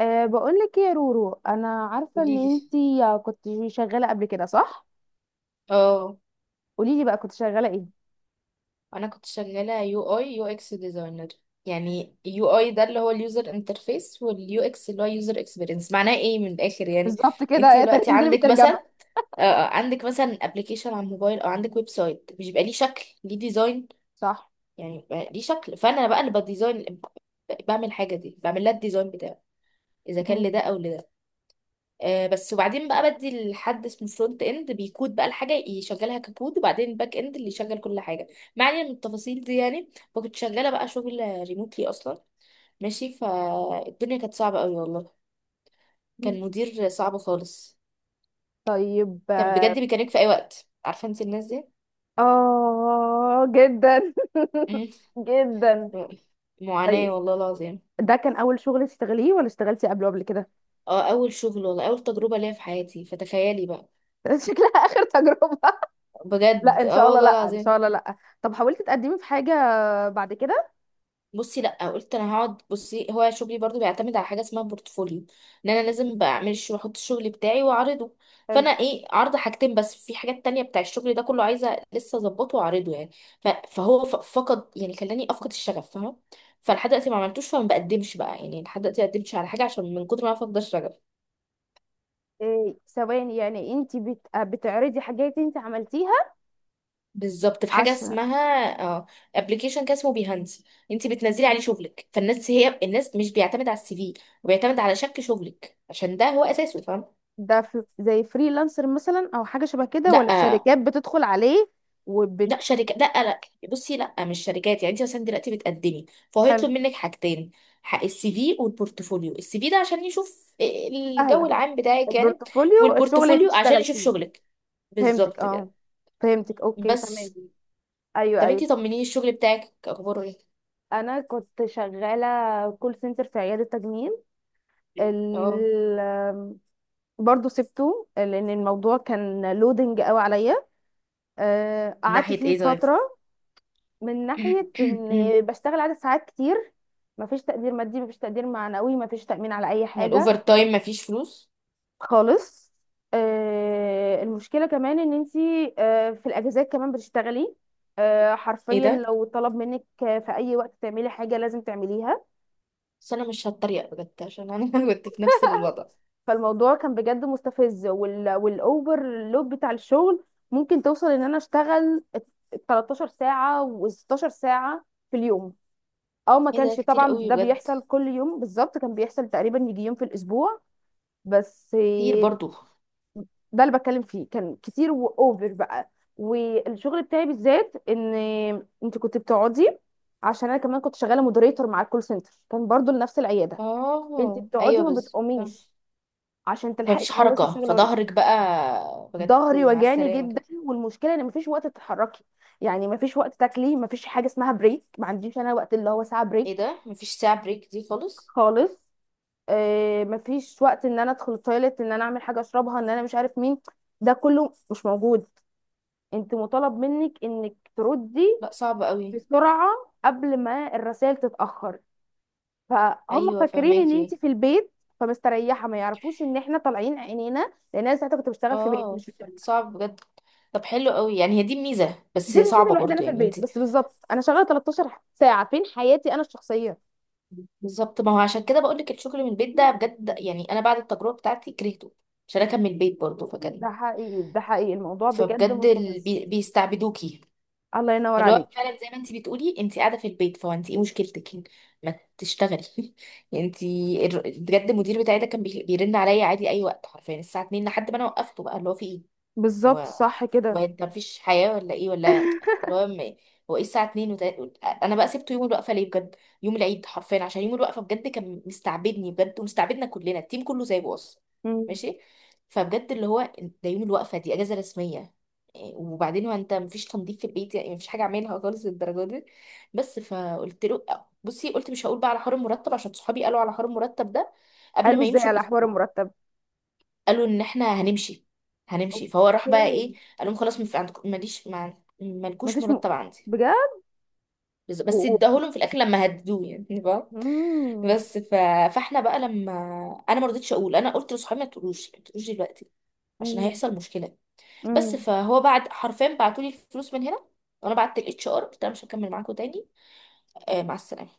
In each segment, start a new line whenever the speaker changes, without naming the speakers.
أه بقول لك يا رورو انا عارفه ان
قولي لي.
انتي كنت شغاله قبل كده، صح؟
اه،
قولي لي بقى كنت شغاله ايه.
انا كنت شغاله يو اي يو اكس ديزاينر. يعني يو اي ده اللي هو اليوزر انترفيس، واليو اكس اللي هو يوزر اكسبيرينس، معناه ايه من الاخر يعني.
بالظبط كده.
انت
إيه،
دلوقتي
انزلي
عندك
بالترجمة.
مثلا عندك مثلا ابلكيشن على الموبايل او عندك ويب سايت، مش بيبقى ليه شكل، ليه ديزاين؟
صح.
يعني بيبقى ليه شكل، فانا بقى اللي بديزاين، بعمل حاجه دي، بعمل لها الديزاين بتاعه، اذا كان
مم.
لده او لده. آه، بس وبعدين بقى بدي لحد اسمه فرونت اند، بيكود بقى الحاجه يشغلها ككود، وبعدين الباك اند اللي يشغل كل حاجه. ما علينا من التفاصيل دي يعني. فكنت شغاله بقى شغل ريموتلي اصلا. ماشي، فالدنيا كانت صعبه قوي والله. كان مدير صعب خالص.
طيب،
كان
اه.
بجد بيكلمك في اي وقت، عارفه انت الناس دي.
آه، جدا.
مم.
جدا.
معاناه
طيب،
والله العظيم.
ده كان اول شغل تشتغليه ولا اشتغلتي قبله قبل كده؟
اه اول شغل والله، اول تجربه ليا في حياتي، فتخيلي بقى.
شكلها آخر تجربة. لا
بجد
ان
اه
شاء الله،
والله
لا ان
العظيم.
شاء الله، لا. طب حاولتي تقدمي في حاجه بعد كده؟
بصي لا، قلت انا هقعد، بصي هو شغلي برضو بيعتمد على حاجه اسمها بورتفوليو. ان انا لازم بعمل واحط الشغل بتاعي واعرضه.
حلو.
فانا ايه، عرض حاجتين بس، في حاجات تانية بتاع الشغل ده كله عايزه لسه اظبطه واعرضه يعني. فقد يعني خلاني افقد الشغف فاهمه. فلحد دلوقتي ما عملتوش، فما بقدمش بقى، يعني لحد دلوقتي ما قدمتش على حاجه عشان من كتر ما انا فاقده الشغف.
إيه سواء، يعني انت بتعرضي حاجات انت عملتيها؟
بالظبط، في حاجه
عش...
اسمها، اه، ابلكيشن كان اسمه بيهانس. انت بتنزلي عليه شغلك، فالناس هي الناس، مش بيعتمد على السي في، وبيعتمد على شكل شغلك عشان ده هو اساسه فاهمه.
ده في زي فريلانسر مثلا او حاجه شبه كده، ولا في
لا.
شركات بتدخل عليه وبت...
لا شركة، لا لا. بصي لا، مش شركات. يعني انت مثلا دلوقتي بتقدمي، فهو
حلو.
يطلب منك حاجتين. حق السي في والبورتفوليو. السي في ده عشان يشوف الجو
سهله.
العام بتاعك يعني،
البورتفوليو الشغل اللي
والبورتفوليو عشان
اشتغل
يشوف
فيه.
شغلك.
فهمتك،
بالظبط
اه.
كده.
فهمتك، اوكي
بس.
تمام. ايوه
طب انت
ايوه.
طمنيني، الشغل بتاعك اخباره ايه؟
انا كنت شغاله كول سنتر في عياده تجميل.
اه.
ال... برضه سبته لان الموضوع كان لودنج قوي عليا.
من
قعدت
ناحية
فيه
ايه طيب؟
فتره. من ناحيه اني بشتغل عدد ساعات كتير. مفيش تقدير مادي، مفيش تقدير معنوي، مفيش تأمين على اي
يعني
حاجه.
الاوفر تايم مفيش فلوس.
خالص. المشكلة كمان ان انتي في الاجازات كمان بتشتغلي.
ايه
حرفيا
ده؟
لو طلب منك في اي وقت تعملي حاجة لازم تعمليها.
بس انا مش هتريق بجد عشان انا كنت في نفس الوضع.
فالموضوع كان بجد مستفز والاوفر لود بتاع الشغل ممكن توصل ان انا اشتغل 13 ساعة و16 ساعة في اليوم. او ما
ايه ده
كانش
كتير
طبعا
قوي
ده
بجد.
بيحصل كل يوم، بالظبط كان بيحصل تقريبا يجي يوم في الاسبوع بس.
كتير برضو.
ده اللي بتكلم فيه كان كتير واوفر بقى. والشغل بتاعي بالذات ان انت كنت بتقعدي، عشان انا كمان كنت شغاله مودريتور مع الكول سنتر كان برضو لنفس العياده. انت
اه
بتقعدي
ايوه،
ما
بس
بتقوميش عشان تلحقي
مفيش
تخلصي
حركة،
الشغل وريسه.
فظهرك بقى بجد
ظهري
مع
وجعني
السلامة
جدا،
كده.
والمشكله ان مفيش وقت تتحركي. يعني مفيش وقت تاكلي، مفيش حاجه اسمها بريك، ما عنديش انا وقت اللي هو ساعه
ايه
بريك.
ده، مفيش ساعة بريك دي خالص؟
خالص. مفيش وقت ان انا ادخل التويليت، ان انا اعمل حاجه اشربها، ان انا مش عارف مين. ده كله مش موجود. انت مطالب منك انك تردي
لا صعب قوي.
بسرعة قبل ما الرسائل تتأخر. فهم
ايوه
فاكرين ان انت
فهماكي.
في البيت فمستريحة. ما يعرفوش ان احنا طالعين عينينا، لان انا ساعتها كنت بشتغل في بيت
اه.
مش في شركة.
صعب بجد. طب حلو قوي، يعني هي دي الميزة، بس
دي الميزة
صعبة
الوحيدة، انا
برضو
في
يعني
البيت،
انت.
بس بالظبط انا شغالة 13 ساعة، فين حياتي انا الشخصية؟
بالظبط، ما هو عشان كده بقولك الشغل من البيت ده بجد يعني، انا بعد التجربة بتاعتي كرهته عشان انا كان من البيت برضو فكان.
ده حقيقي، ده حقيقي، الموضوع بجد
فبجد
مستفز.
بيستعبدوكي.
الله ينور
اللي
عليك.
هو فعلا زي ما انت بتقولي، انت قاعده في البيت، فانت ايه مشكلتك، ما تشتغلي. انت بجد، المدير بتاعي ده كان بيرن عليا عادي اي وقت، حرفيا الساعه 2 لحد ما انا وقفته بقى اللي هو في ايه. هو
بالظبط صح
هو
كده.
انت مفيش حياة ولا ايه ولا. اللي هو م- هو ايه الساعة 2، انا بقى سبته يوم الوقفة ليه بجد؟ يوم العيد، حرفيا عشان يوم الوقفة بجد كان مستعبدني بجد ومستعبدنا كلنا، التيم كله سايبه اصلا.
مم.
ماشي. فبجد اللي هو، ده يوم الوقفة دي اجازة رسمية. إيه، وبعدين هو انت مفيش تنظيف في البيت يعني؟ مفيش حاجة اعملها خالص للدرجة دي. بس فقلت له، بصي، قلت مش هقول بقى على حوار المرتب عشان صحابي قالوا على حوار المرتب ده قبل
قالوا
ما
ازاي
يمشوا
على حوار
باسبوع.
المرتب؟
قالوا ان احنا هنمشي، فهو راح
اوكي.
بقى ايه، قال لهم خلاص، ماليش مالكوش
مفيش م...
مرتب عندي.
بجد.
بس
و...
بس
و-
اداهولهم في الاخر لما هددوه يعني فاهم؟
مم.
بس ف... فاحنا بقى لما انا ما رضيتش اقول، انا قلت لصحابي ما تقولوش، ما تقولوش دلوقتي عشان
مم.
هيحصل مشكله. بس
مم.
فهو بعد حرفيا بعتولي الفلوس من هنا، وانا بعت الاتش ار قلت انا مش هكمل معاكم تاني. آه مع السلامه.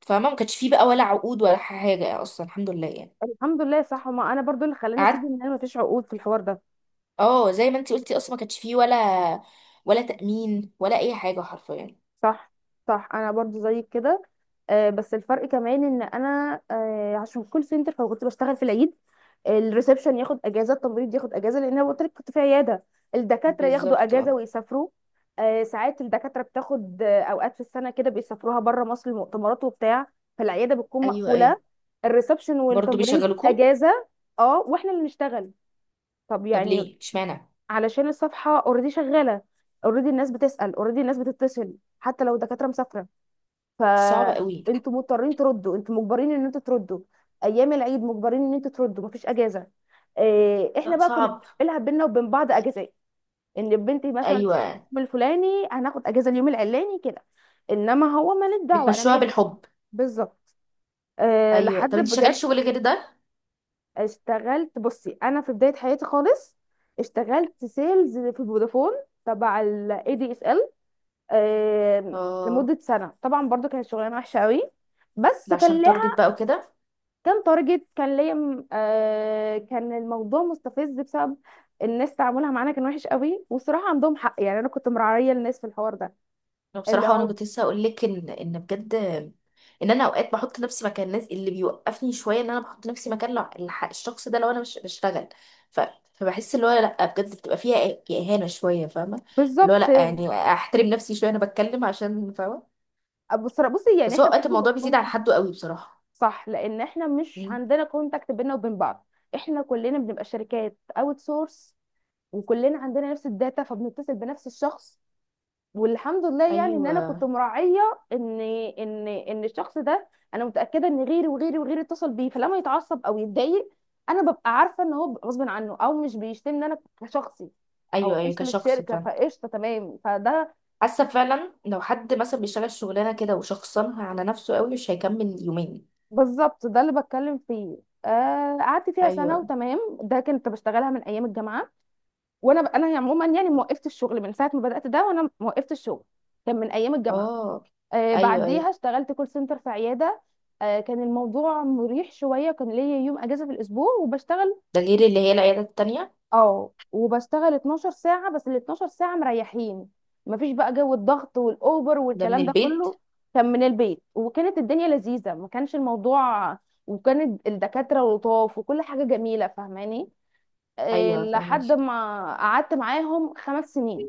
فما ما كانش فيه بقى ولا عقود ولا حاجه اصلا، الحمد لله يعني.
الحمد لله صح، ما انا برضو اللي خلاني اسيب ان انا مفيش عقود في الحوار ده.
اه زي ما انتي قلتي، اصلا ما كانش فيه ولا ولا تأمين ولا اي حاجة حرفيا.
صح. صح، انا برضو زيك كده. آه بس الفرق كمان ان انا آه عشان كول سنتر فكنت بشتغل في العيد. الريسبشن ياخد اجازه، التمريض ياخد اجازه، لان انا قلت لك كنت في عياده. الدكاتره ياخدوا
بالظبط.
اجازه
اه
ويسافروا. آه ساعات الدكاتره بتاخد آه اوقات في السنه كده بيسافروها بره مصر، المؤتمرات وبتاع. فالعياده بتكون
ايوه ايوه.
مقفوله، الريسبشن
برضه
والتمريض
بيشغلوكم.
اجازه. اه واحنا اللي نشتغل. طب
طب
يعني؟
ليه اشمعنى؟
علشان الصفحه اوريدي شغاله، اوريدي الناس بتسال، اوريدي الناس بتتصل حتى لو الدكاتره مسافره.
صعب قوي.
فانتوا مضطرين تردوا، انتوا مجبرين ان انتوا تردوا. ايام العيد مجبرين ان انتوا تردوا، مفيش اجازه. إيه احنا
لا
بقى كنا
صعب.
بنعملها بينا وبين بعض اجازات. ان بنتي مثلا تشتغل
ايوه
اليوم الفلاني، هناخد اجازه اليوم العلاني كده. انما هو مالك دعوه انا
بتمشوها
مالي.
بالحب.
بالظبط. أه
ايوه.
لحد
طب انتي شغالة
بجد.
شغل غير ده؟
اشتغلت، بصي انا في بدايه حياتي خالص اشتغلت سيلز في فودافون تبع الاي دي اس ال
اه.
لمده سنه. طبعا برضو كانت شغلانه وحشه قوي بس
ده
كان
عشان تارجت
لها،
بقى وكده.
كان تارجت. كان ليا كان الموضوع مستفز بسبب الناس، تعاملها معانا كان وحش قوي. والصراحه عندهم حق، يعني انا كنت مرعيه الناس في الحوار ده.
انا
اللي
بصراحه، وانا
هو
كنت لسه هقول لك ان بجد، ان انا اوقات بحط نفسي مكان الناس اللي بيوقفني شويه، ان انا بحط نفسي مكان الشخص ده لو انا مش بشتغل. ف فبحس اللي هو لا بجد بتبقى فيها اهانه شويه فاهمه. اللي هو
بالظبط.
لا يعني احترم نفسي شويه، انا بتكلم عشان فاهمه.
بصي يعني
بس هو
احنا
اوقات الموضوع
برضو
بيزيد عن حده قوي بصراحه.
صح، لان احنا مش
مم.
عندنا كونتاكت بينا وبين بعض. احنا كلنا بنبقى شركات اوت سورس وكلنا عندنا نفس الداتا، فبنتصل بنفس الشخص. والحمد لله يعني ان انا كنت
ايوه
مراعيه ان ان الشخص ده، انا متاكده ان غيري وغيري وغيري اتصل بيه، فلما يتعصب او يتضايق انا ببقى عارفه ان هو غصب عنه او مش بيشتمني انا كشخصي، او
ايوه. ايوه
بيشتم
كشخص
الشركه.
فعلا.
فقشطه تمام. فده
حاسه فعلا لو حد مثلا بيشتغل شغلانه كده وشخصنها على نفسه قوي مش هيكمل يومين.
بالظبط ده اللي بتكلم فيه. قعدت فيها سنه
ايوه.
وتمام. ده كنت بشتغلها من ايام الجامعه. وانا عموما يعني وقفت الشغل من ساعه ما بدات ده، وانا وقفت الشغل كان من ايام الجامعه.
اه.
آه
ايوه
بعديها
ايوه.
اشتغلت كول سنتر في عياده. آه كان الموضوع مريح شويه، كان ليا يوم اجازه في الاسبوع وبشتغل
ده غير اللي هي العيادة التانية.
اه وبشتغل 12 ساعه، بس ال 12 ساعه مريحين. مفيش بقى جو الضغط والاوبر
ده من
والكلام ده
البيت.
كله. كان من البيت، وكانت الدنيا لذيذه، ما كانش الموضوع. وكان الدكاتره لطاف وكل حاجه جميله، فاهماني؟
أيوة فاهمك.
لحد ما قعدت معاهم 5 سنين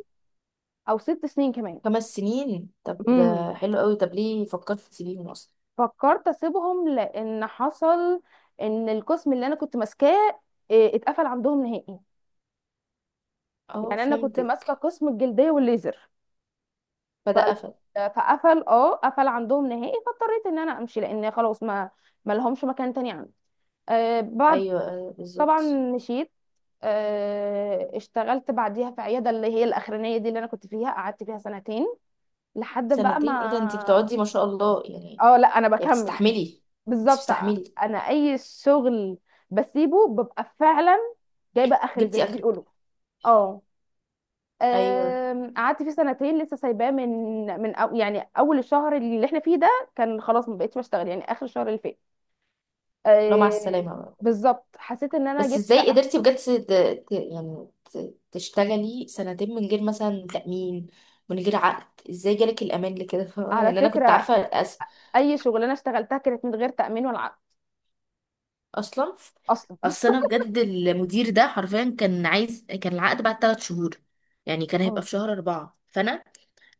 او 6 سنين كمان.
خمس سنين؟ طب ده
امم،
حلو قوي، طب ليه فكرت تسيبيهم أصلا؟
فكرت اسيبهم لان حصل ان القسم اللي انا كنت ماسكاه إيه، اتقفل عندهم نهائي.
اه
يعني انا كنت ماسكه
فهمتك.
قسم الجلديه والليزر. ف...
فده قفل.
فقفل اه، قفل عندهم نهائي، فاضطريت ان انا امشي، لان خلاص ما لهمش مكان تاني عندي. آه بعد،
أيوة آه،
طبعا
بالظبط.
مشيت. آه اشتغلت بعديها في عياده اللي هي الاخرانيه دي اللي انا كنت فيها، قعدت فيها سنتين لحد بقى
سنتين؟ ايه ده، انتي
ما...
بتقعدي ما شاء الله يعني.
اه لا انا
يعني
بكمل.
بتستحملي. انتي
بالظبط.
بتستحملي.
انا اي شغل بسيبه ببقى فعلا جايبه اخري زي
جبتي
ما
آخرك.
بيقولوا. اه.
أيوة.
أم، قعدت فيه سنتين، لسه سايباه من من يعني اول الشهر اللي احنا فيه ده. كان خلاص ما بقتش بشتغل يعني اخر الشهر اللي فات.
لو مع
أم،
السلامة بقى.
بالظبط حسيت ان انا
بس
جبت.
ازاي قدرتي بجد يعني تشتغلي سنتين من غير مثلا تأمين، من غير عقد؟ ازاي جالك الأمان لكده
على
يعني أنا كنت
فكره،
عارفة.
اي شغلانه اشتغلتها كانت من غير تامين ولا عقد
اصلا.
اصلا.
اصل انا بجد المدير ده حرفيا كان عايز، كان العقد بعد ثلاث شهور. يعني كان هيبقى
اه.
في شهر أربعة، فانا،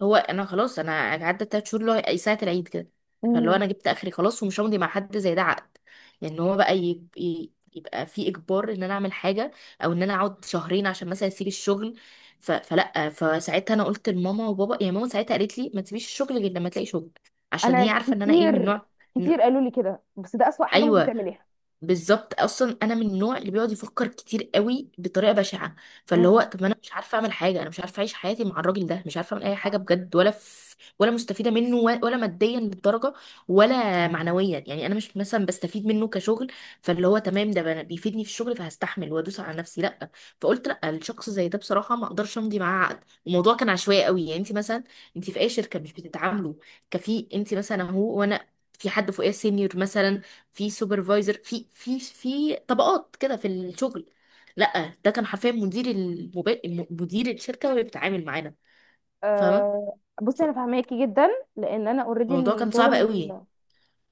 هو انا خلاص انا عدى ثلاث شهور اللي هو أي ساعة العيد كده. فاللي هو
مم.
انا جبت اخري خلاص ومش همضي مع حد زي ده عقد. يعني هو بقى يبقى في اجبار ان انا اعمل حاجة، او ان انا اقعد شهرين عشان مثلا اسيب الشغل. ف... فلا فساعتها انا قلت لماما وبابا يعني، ماما ساعتها قالت لي ما تسيبيش الشغل غير لما تلاقي شغل، عشان
انا
هي عارفة ان انا ايه من
كتير،
نوع. إنه-
كتير قالوا لي كده، بس ده اسوأ حاجه ممكن
ايوه.
تعمليها.
بالظبط، اصلا انا من النوع اللي بيقعد يفكر كتير قوي بطريقه بشعه. فاللي هو
مم.
طب ما انا مش عارفه اعمل حاجه، انا مش عارفه اعيش حياتي مع الراجل ده، مش عارفه اعمل اي حاجه بجد، ولا في ولا مستفيده منه ولا ماديا للدرجه، ولا معنويا. يعني انا مش مثلا بستفيد منه كشغل. فاللي هو تمام، ده بيفيدني في الشغل فهستحمل وادوس على نفسي، لا. فقلت لا، الشخص زي ده بصراحه ما اقدرش امضي معاه عقد. الموضوع كان عشوائي قوي. يعني انت مثلا، انت في اي شركه مش بتتعاملوا كفي، انت مثلا هو وانا، في حد فوقيه سينيور مثلا، في سوبرفايزر، في طبقات كده في الشغل. لا ده كان حرفيا مدير مدير الشركه وهي بتتعامل معانا فاهمه.
أه بصي
ف-
انا فاهماكي جدا، لان انا اوريدي
الموضوع كان صعب
الشغل.
قوي.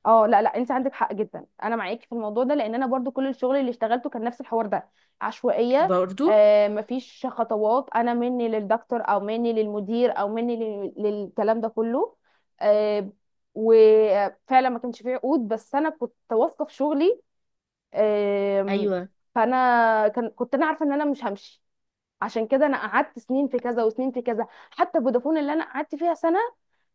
اه لا لا، انت عندك حق جدا، انا معاكي في الموضوع ده، لان انا برضو كل الشغل اللي اشتغلته كان نفس الحوار ده. عشوائيه.
برضو.
أه مفيش خطوات، انا مني للدكتور او مني للمدير او مني للكلام ده كله. أه. وفعلا ما كانش فيه عقود، بس انا كنت واثقه في شغلي. أه.
ايوه
فانا كنت انا عارفه ان انا مش همشي، عشان كده انا قعدت سنين في كذا وسنين في كذا. حتى فودافون اللي انا قعدت فيها سنه،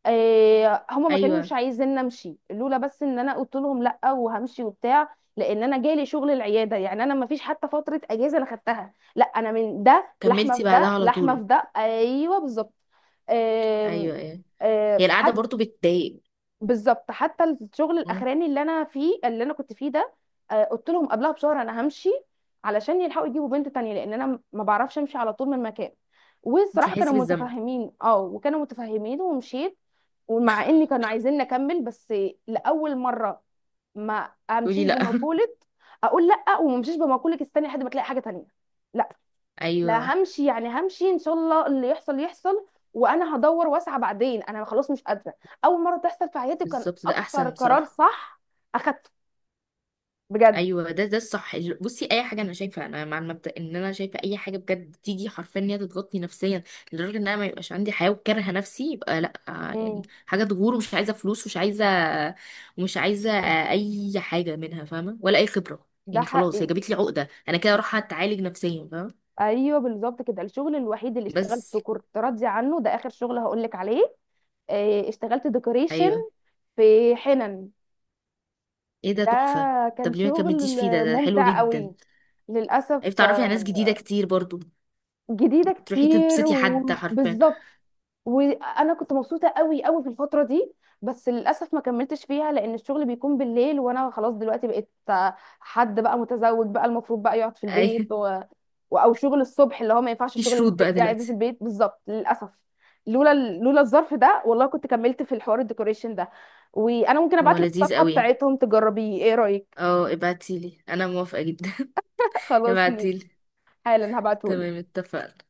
آه، هم ما
ايوه
كانوش عايزين امشي، لولا بس ان انا قلت لهم لا وهمشي وبتاع، لان انا جالي شغل العياده. يعني انا ما فيش حتى فتره اجازه انا خدتها، لا انا من ده لحمه
كملتي
في
بعدها
ده
على
لحمه
طول.
في ده، ايوه بالظبط. آم،
ايوه ايوه. هي
آم،
القعده
حتى،
برضو بتضايق.
بالظبط حتى الشغل الاخراني اللي انا فيه اللي انا كنت فيه ده، قلت لهم قبلها بشهر انا همشي، علشان يلحقوا يجيبوا بنت تانية، لان انا ما بعرفش امشي على طول من مكان.
انت
والصراحه كانوا
تحسي بالذنب.
متفهمين اه، وكانوا متفهمين ومشيت. ومع اني كانوا عايزين نكمل، بس لاول مره ما
تقولي
امشيش
لا.
بمقوله اقول لا، وما امشيش بمقوله استني لحد ما تلاقي حاجه تانية. لا، لا
ايوه
همشي. يعني همشي ان شاء الله، اللي يحصل يحصل، وانا هدور واسعى بعدين. انا خلاص مش قادره. اول مره تحصل في حياتي كان
بالظبط ده
اكتر
احسن
قرار
بصراحه.
صح اخدته. بجد.
ايوه ده الصح. بصي اي حاجه انا شايفه، انا مع المبدا ان انا شايفه اي حاجه بجد تيجي حرفيا ان هي تضغطني نفسيا لدرجه ان انا ما يبقاش عندي حياه وكارهه نفسي، يبقى لا. آه، يعني
امم.
حاجه تغور، ومش عايزه فلوس، ومش عايزه، ومش عايزه آه، اي حاجه منها فاهمه، ولا اي خبره.
ده
يعني خلاص هي
حقي.
جابت لي عقده، انا كده اروح اتعالج نفسيا فاهمه.
ايوه بالظبط كده. الشغل الوحيد اللي
بس.
اشتغلته كنت راضيه عنه، ده اخر شغل هقول لك عليه. اشتغلت ديكوريشن
ايوه.
في حنن.
ايه ده
ده
تحفه.
كان
طب ليه ما
شغل
كملتيش فيه؟ ده حلو
ممتع
جدا.
قوي. للاسف،
عرفت تعرفي على ناس جديده
آه،
كتير برضو.
جديده
تروحي
كتير
تبسطي حد حرفيا.
وبالظبط. وانا كنت مبسوطه قوي قوي في الفتره دي، بس للاسف ما كملتش فيها لان الشغل بيكون بالليل، وانا خلاص دلوقتي بقيت حد بقى متزوج، بقى المفروض بقى يقعد في
ايوه.
البيت او شغل الصبح، اللي هو ما ينفعش
في
الشغل اللي
شروط بقى
بترجعي بيه في
دلوقتي.
البيت بالظبط. للاسف. لولا الظرف ده والله كنت كملت في الحوار الديكوريشن ده. وانا ممكن
هو
ابعت لك
لذيذ
الصفحه
قوي.
بتاعتهم تجربيه، ايه رايك؟
اه، ابعتيلي انا موافقة جدا.
خلاص ماشي.
ابعتيلي.
حالا
تمام
هبعتهولك.
اتفقنا.